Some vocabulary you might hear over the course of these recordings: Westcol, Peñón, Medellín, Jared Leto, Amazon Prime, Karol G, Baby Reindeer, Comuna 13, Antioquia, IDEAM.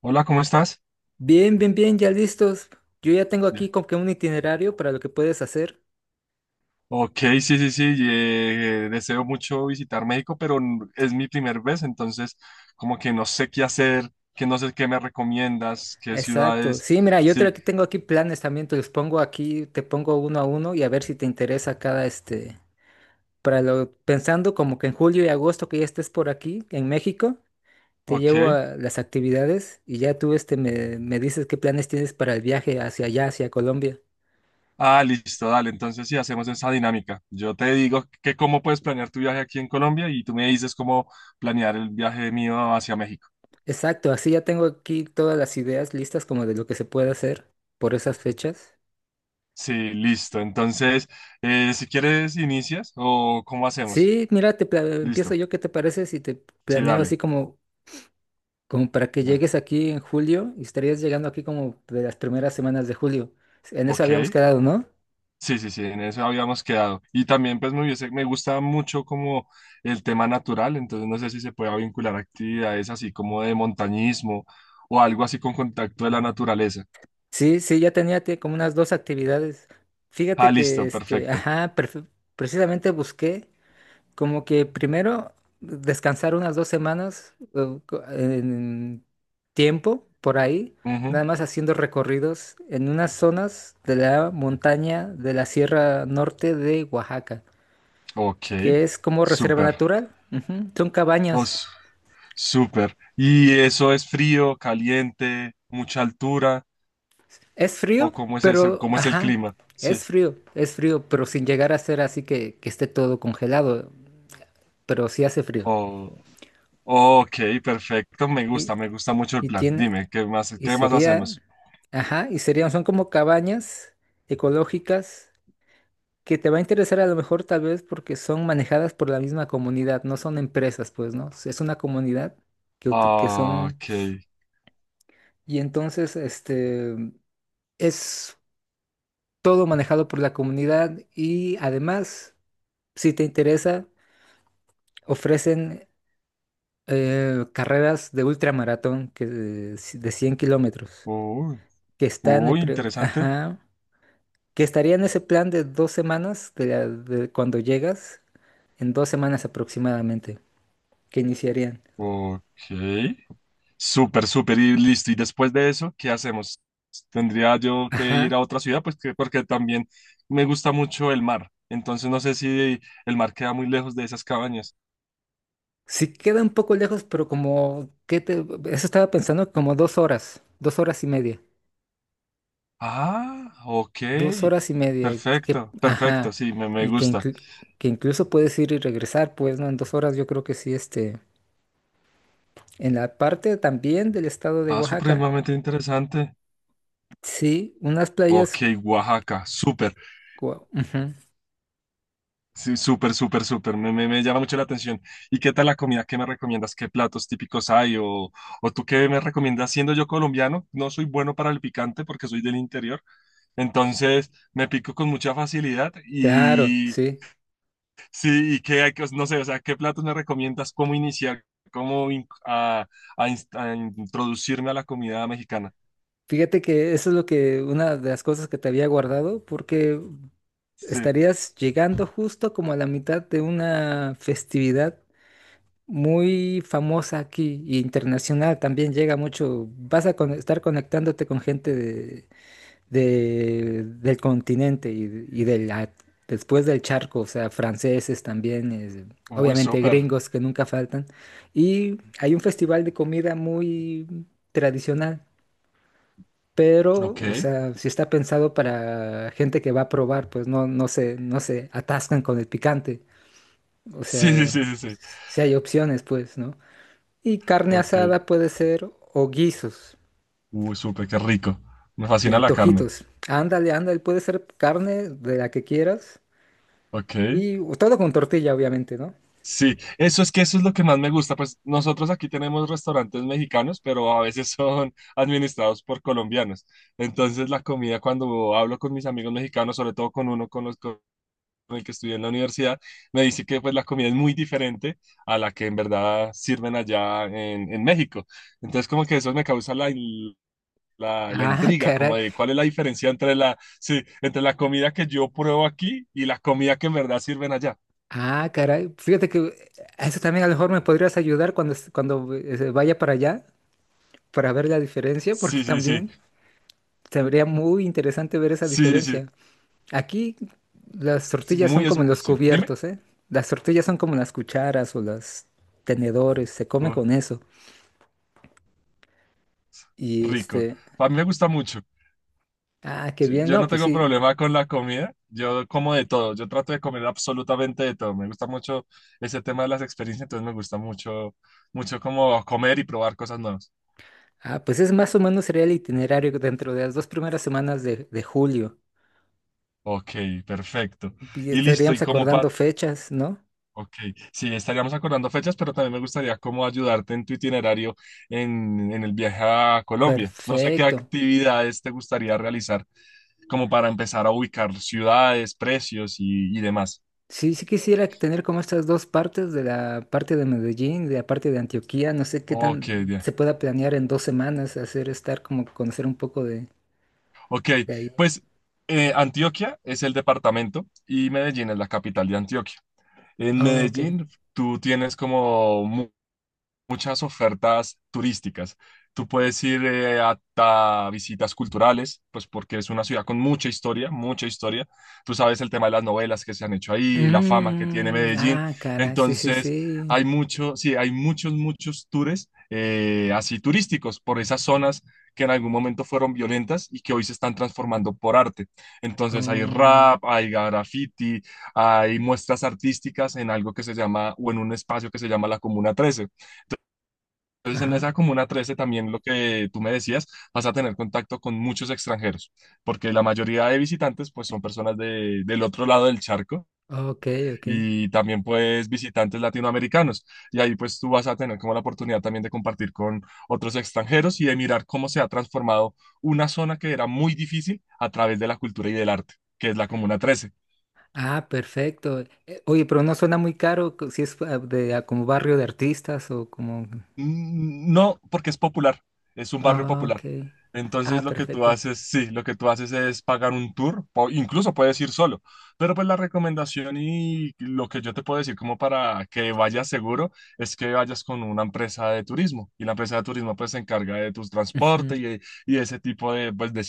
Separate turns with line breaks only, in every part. Hola, ¿cómo estás?
Bien, bien, bien, ya listos. Yo ya tengo
Bien.
aquí como que un itinerario para lo que puedes hacer.
Ok, sí, sí, sí, deseo mucho visitar México, pero es mi primer vez, entonces como que no sé qué hacer, que no sé qué me recomiendas, qué
Exacto.
ciudades,
Sí, mira,
sí,
aquí tengo aquí planes también, te los pongo aquí, te pongo uno a uno y a ver si te interesa cada este, pensando como que en julio y agosto que ya estés por aquí, en México, te llevo
ok.
a las actividades y ya tú me dices qué planes tienes para el viaje hacia allá, hacia Colombia.
Ah, listo, dale, entonces sí, hacemos esa dinámica. Yo te digo que cómo puedes planear tu viaje aquí en Colombia y tú me dices cómo planear el viaje mío hacia México.
Exacto, así ya tengo aquí todas las ideas listas como de lo que se puede hacer por esas fechas.
Sí, listo, entonces, si quieres inicias o cómo hacemos.
Sí, mira, empiezo
Listo,
yo. ¿Qué te parece si te
sí,
planeo así
dale.
como para que
Da-
llegues aquí en julio y estarías llegando aquí como de las primeras semanas de julio? En eso habíamos
Ok.
quedado, ¿no?
Sí, sí, sí, en eso habíamos quedado. Y también pues me gusta mucho como el tema natural, entonces no sé si se pueda vincular actividades así como de montañismo o algo así con contacto de la naturaleza.
Sí, sí, ya tenía como unas 2 actividades. Fíjate
Ah,
que,
listo, perfecto.
ajá, precisamente busqué. Como que primero descansar unas 2 semanas en tiempo por ahí,
Ujú,
nada más haciendo recorridos en unas zonas de la montaña de la Sierra Norte de Oaxaca,
ok,
que es como reserva
súper.
natural. Ujú, son
Oh,
cabañas.
s- Súper. ¿Y eso es frío, caliente, mucha altura
Es frío,
o cómo es eso,
pero,
cómo es el
ajá,
clima? Sí.
es frío, pero sin llegar a ser así que esté todo congelado, pero sí hace frío.
Oh, ok, perfecto,
Y,
me gusta mucho el
y
plan.
tiene.
Dime,
Y
qué más
sería,
hacemos?
ajá, y serían, son como cabañas ecológicas que te va a interesar a lo mejor tal vez porque son manejadas por la misma comunidad, no son empresas, pues, ¿no? Es una comunidad que
Ah,
son,
ok.
y entonces, es todo manejado por la comunidad y además, si te interesa, ofrecen carreras de ultramaratón que de 100 km kilómetros,
Uy,
que están,
uy, interesante.
ajá, que estaría en ese plan de 2 semanas, de cuando llegas, en 2 semanas aproximadamente, que iniciarían.
Ok. Súper, súper y listo. Y después de eso, ¿qué hacemos? Tendría yo que ir a
Ajá.
otra ciudad, pues que, porque también me gusta mucho el mar. Entonces no sé si el mar queda muy lejos de esas cabañas.
Sí queda un poco lejos, pero como, ¿qué te? Eso estaba pensando, como 2 horas, dos horas y media,
Ah, ok.
dos horas y media, que,
Perfecto, perfecto.
ajá,
Sí, me
y que,
gusta.
inclu- que incluso puedes ir y regresar, pues, ¿no? En 2 horas yo creo que sí, en la parte también del estado de
Ah,
Oaxaca.
supremamente interesante.
Sí, unas playas.
Ok, Oaxaca. Súper.
Ujú.
Sí, súper, súper, súper. Me llama mucho la atención. ¿Y qué tal la comida? ¿Qué me recomiendas? ¿Qué platos típicos hay? O tú qué me recomiendas? Siendo yo colombiano, no soy bueno para el picante porque soy del interior. Entonces me pico con mucha facilidad
Claro,
y
sí.
sí, y qué hay que, no sé, o sea, ¿qué platos me recomiendas? ¿Cómo iniciar? ¿Cómo in- a inst- a introducirme a la comida mexicana?
Fíjate que eso es lo que, una de las cosas que te había guardado, porque
Sí.
estarías llegando justo como a la mitad de una festividad muy famosa aquí y internacional. También llega mucho, vas a estar conectándote con gente de, del continente y después del charco, o sea, franceses también,
Uy,
obviamente
súper.
gringos que nunca faltan. Y hay un festival de comida muy tradicional pero, o
Ok.
sea, si está pensado para gente que va a probar, pues no, no se atascan con el picante. O
Sí, sí,
sea,
sí, sí, sí.
si hay opciones, pues, ¿no? Y carne
Ok.
asada puede ser o guisos
Uy, súper, qué rico. Me
y
fascina la carne.
antojitos. Ándale, ándale, puede ser carne de la que quieras
Ok,
y todo con tortilla, obviamente, ¿no?
sí, eso es que eso es lo que más me gusta, pues nosotros aquí tenemos restaurantes mexicanos, pero a veces son administrados por colombianos. Entonces la comida cuando hablo con mis amigos mexicanos, sobre todo con uno con los con el que estudié en la universidad, me dice que pues la comida es muy diferente a la que en verdad sirven en México. Entonces como que eso me causa la
Ah,
intriga, como
caray.
de cuál es la diferencia entre entre la comida que yo pruebo aquí y la comida que en verdad sirven allá.
Ah, caray. Fíjate que a eso también a lo mejor me podrías ayudar cuando vaya para allá para ver la diferencia, porque
Sí, sí, sí.
también. Sería muy interesante ver esa
Sí, sí,
diferencia. Aquí las
sí,
tortillas son como los
sí, dime,
cubiertos, ¿eh? Las tortillas son como las cucharas o los tenedores, se come
oh,
con eso. Y
rico. A mí me gusta mucho.
ah, qué
Yo
bien,
yo
no,
no
pues
tengo
sí.
problema con la comida, yo como de todo, yo trato de comer absolutamente de todo. Me gusta mucho ese tema de las experiencias, entonces me gusta mucho, mucho como comer y probar cosas nuevas.
Ah, pues es más o menos sería el itinerario dentro de las 2 primeras semanas de julio.
Ok, perfecto.
Y
Y listo,
estaríamos
y como para...
acordando fechas, ¿no?
Ok, sí, estaríamos acordando fechas, pero también me gustaría cómo ayudarte en tu itinerario en el viaje a Colombia. No sé qué
Perfecto.
actividades te gustaría realizar como para empezar a ubicar ciudades, precios y demás.
Sí, sí quisiera tener como estas 2 partes de la parte de Medellín, de la parte de Antioquía. No sé qué
Ok,
tan
bien.
se pueda planear en 2 semanas hacer estar como conocer un poco de,
Ok,
de ahí.
pues, Antioquia es el departamento y Medellín es la capital de Antioquia. En
Oh, ok.
Medellín tú tienes como muchas ofertas turísticas. Tú puedes ir hasta visitas culturales, pues porque es una ciudad con mucha historia, mucha historia. Tú sabes el tema de las novelas que se han hecho ahí, la fama que tiene
Mm,
Medellín.
ah, cara, sí, sí,
Entonces,
sí.
hay mucho, sí, hay muchos, muchos tours así turísticos por esas zonas que en algún momento fueron violentas y que hoy se están transformando por arte. Entonces hay
Oh,
rap, hay graffiti, hay muestras artísticas en algo que se llama, o en un espacio que se llama la Comuna 13. Entonces, en
ajá.
esa Comuna 13 también lo que tú me decías, vas a tener contacto con muchos extranjeros, porque la mayoría de visitantes pues son personas del otro lado del charco
Ok, ok.
y también pues visitantes latinoamericanos. Y ahí pues tú vas a tener como la oportunidad también de compartir con otros extranjeros y de mirar cómo se ha transformado una zona que era muy difícil a través de la cultura y del arte, que es la Comuna 13.
Ah, perfecto. Oye, pero no suena muy caro si es de como barrio de artistas o como.
Mm, no, porque es popular, es un barrio
Ah, ok.
popular. Entonces
Ah,
lo que tú
perfecto.
haces, sí, lo que tú haces es pagar un tour, o incluso puedes ir solo, pero pues la recomendación y lo que yo te puedo decir como para que vayas seguro es que vayas con una empresa de turismo y la empresa de turismo pues se encarga de tus
Ujú.
transportes y ese tipo de, pues, de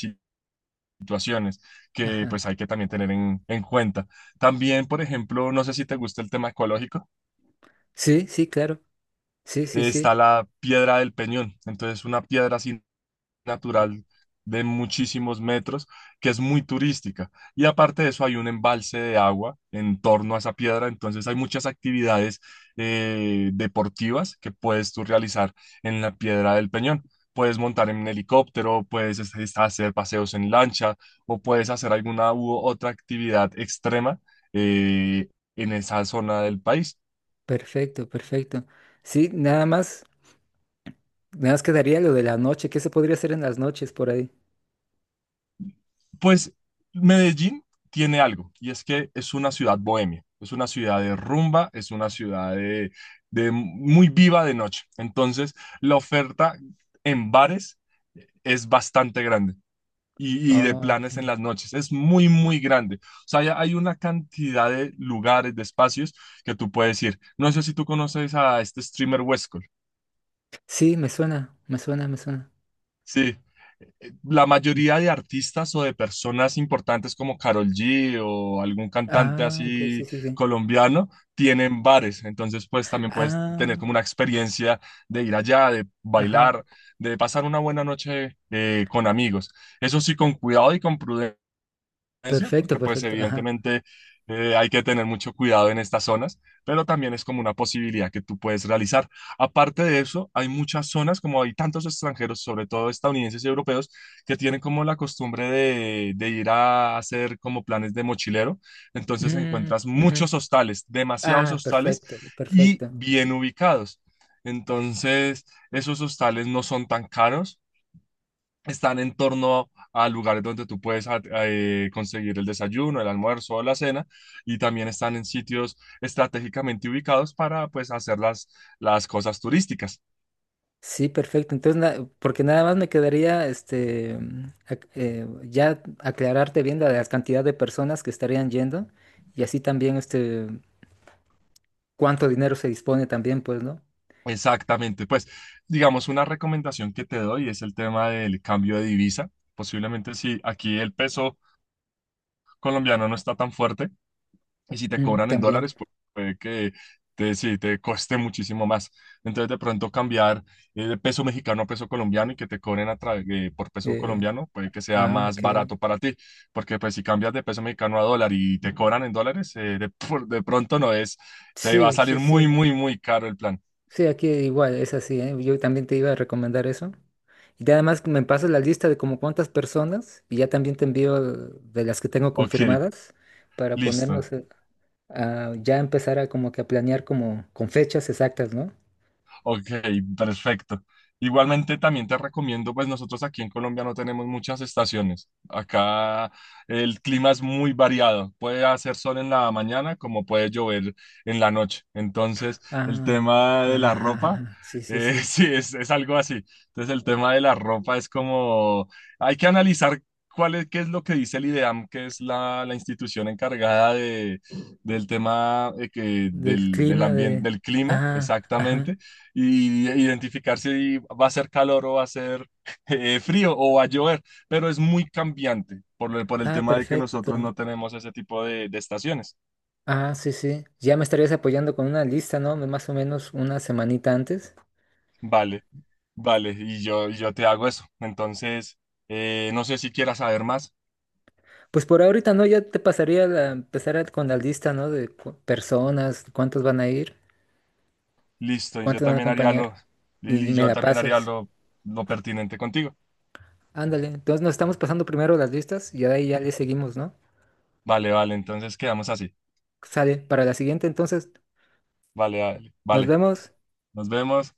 situaciones que pues
Ajá.
hay que también tener en cuenta. También, por ejemplo, no sé si te gusta el tema ecológico,
Sí, sí, claro. Sí, sí,
está
sí.
la piedra del Peñón, entonces una piedra así natural de muchísimos metros, que es muy turística. Y aparte de eso, hay un embalse de agua en torno a esa piedra, entonces hay muchas actividades deportivas que puedes tú realizar en la piedra del Peñón. Puedes montar en un helicóptero, puedes hacer paseos en lancha o puedes hacer alguna u otra actividad extrema eh, en esa zona del país.
Perfecto, perfecto. Sí, nada más, nada más quedaría lo de la noche. ¿Qué se podría hacer en las noches por ahí?
Pues Medellín tiene algo, y es que es una ciudad bohemia, es una ciudad de rumba, es una ciudad de muy viva de noche. Entonces, la oferta en bares es bastante grande y de
Ah,
planes en
ok.
las noches. Es muy, muy grande. O sea, ya hay una cantidad de lugares, de espacios que tú puedes ir. No sé si tú conoces a este streamer Westcol.
Sí, me suena, me suena, me suena.
Sí. La
Mm.
mayoría de artistas o de personas importantes como Karol G o algún cantante
Ah, ok,
así
sí, sí, sí.
colombiano tienen bares, entonces pues también puedes tener
Ah,
como una experiencia de ir allá, de
ajá.
bailar, de pasar una buena noche con amigos. Eso sí, con cuidado y con prudencia violencia,
Perfecto,
porque pues
perfecto, ajá.
evidentemente, hay que tener mucho cuidado en estas zonas, pero también es como una posibilidad que tú puedes realizar. Aparte de eso, hay muchas zonas, como hay tantos extranjeros, sobre todo estadounidenses y europeos, que tienen como la costumbre de ir a hacer como planes de mochilero, entonces
Mm,
encuentras
ujú.
muchos hostales, demasiados
Ah,
hostales
perfecto,
y
perfecto.
bien ubicados. Entonces, esos hostales no son tan caros, están en torno a lugares donde tú puedes conseguir el desayuno, el almuerzo o la cena, y también están en sitios estratégicamente ubicados para pues hacer las cosas turísticas.
Sí, perfecto. Entonces, porque nada más me quedaría, ya aclararte bien la cantidad de personas que estarían yendo y así también, cuánto dinero se dispone también, pues, ¿no?
Exactamente, pues digamos una recomendación que te doy es el tema del cambio de divisa. Posiblemente si aquí el peso colombiano no está tan fuerte, y si te
Mm,
cobran en
también.
dólares, puede que te, sí, te cueste muchísimo más. Entonces, de pronto cambiar de peso mexicano a peso colombiano y que te cobren a por peso
eh,
colombiano, puede que sea más
ok.
barato para ti. Porque pues si cambias de peso mexicano a dólar y te cobran en dólares, de pronto no es, te va a
Sí, sí,
salir muy,
sí.
muy, muy caro el plan.
Sí, aquí igual, es así, ¿eh? Yo también te iba a recomendar eso. Además me pasas la lista de como cuántas personas y ya también te envío de las que tengo
Ok,
confirmadas para
listo.
ponernos ya empezar a como que a planear como con fechas exactas, ¿no?
Ok, perfecto. Igualmente también te recomiendo, pues nosotros aquí en Colombia no tenemos muchas estaciones. Acá el clima es muy variado. Puede hacer sol en la mañana como puede llover en la noche. Entonces, el
Ah, ajá,
tema de la
ajá,
ropa,
ajá, sí, sí, sí.
sí, es algo así. Entonces, el tema de la ropa es como, hay que analizar cuál es, qué es lo que dice el IDEAM, que es la, la institución encargada de, del tema,
Del
del, del
clima de.
ambiente, del clima,
Ajá, ajá.
exactamente y identificar si va a ser calor o va a ser frío o va a llover, pero es muy cambiante por, por el
Ah,
tema de que
perfecto.
nosotros no tenemos ese tipo de estaciones.
Ah, sí, sí. Ya me estarías apoyando con una lista, ¿no? Más o menos una semanita antes.
Vale, vale, y yo te hago eso. Entonces, no sé si quieras saber más.
Pues por ahorita, ¿no? Ya te pasaría con la lista, ¿no? De personas, cuántos van a ir,
Listo,
cuántos van a acompañar. Y
y
me
yo
la
también haría
pasas.
lo pertinente contigo.
Ándale. Entonces nos estamos pasando primero las listas y de ahí ya le seguimos, ¿no?
Vale, vale, entonces quedamos así.
Sale. Para la siguiente, entonces,
Vale, vale,
nos
vale.
vemos.
Nos vemos.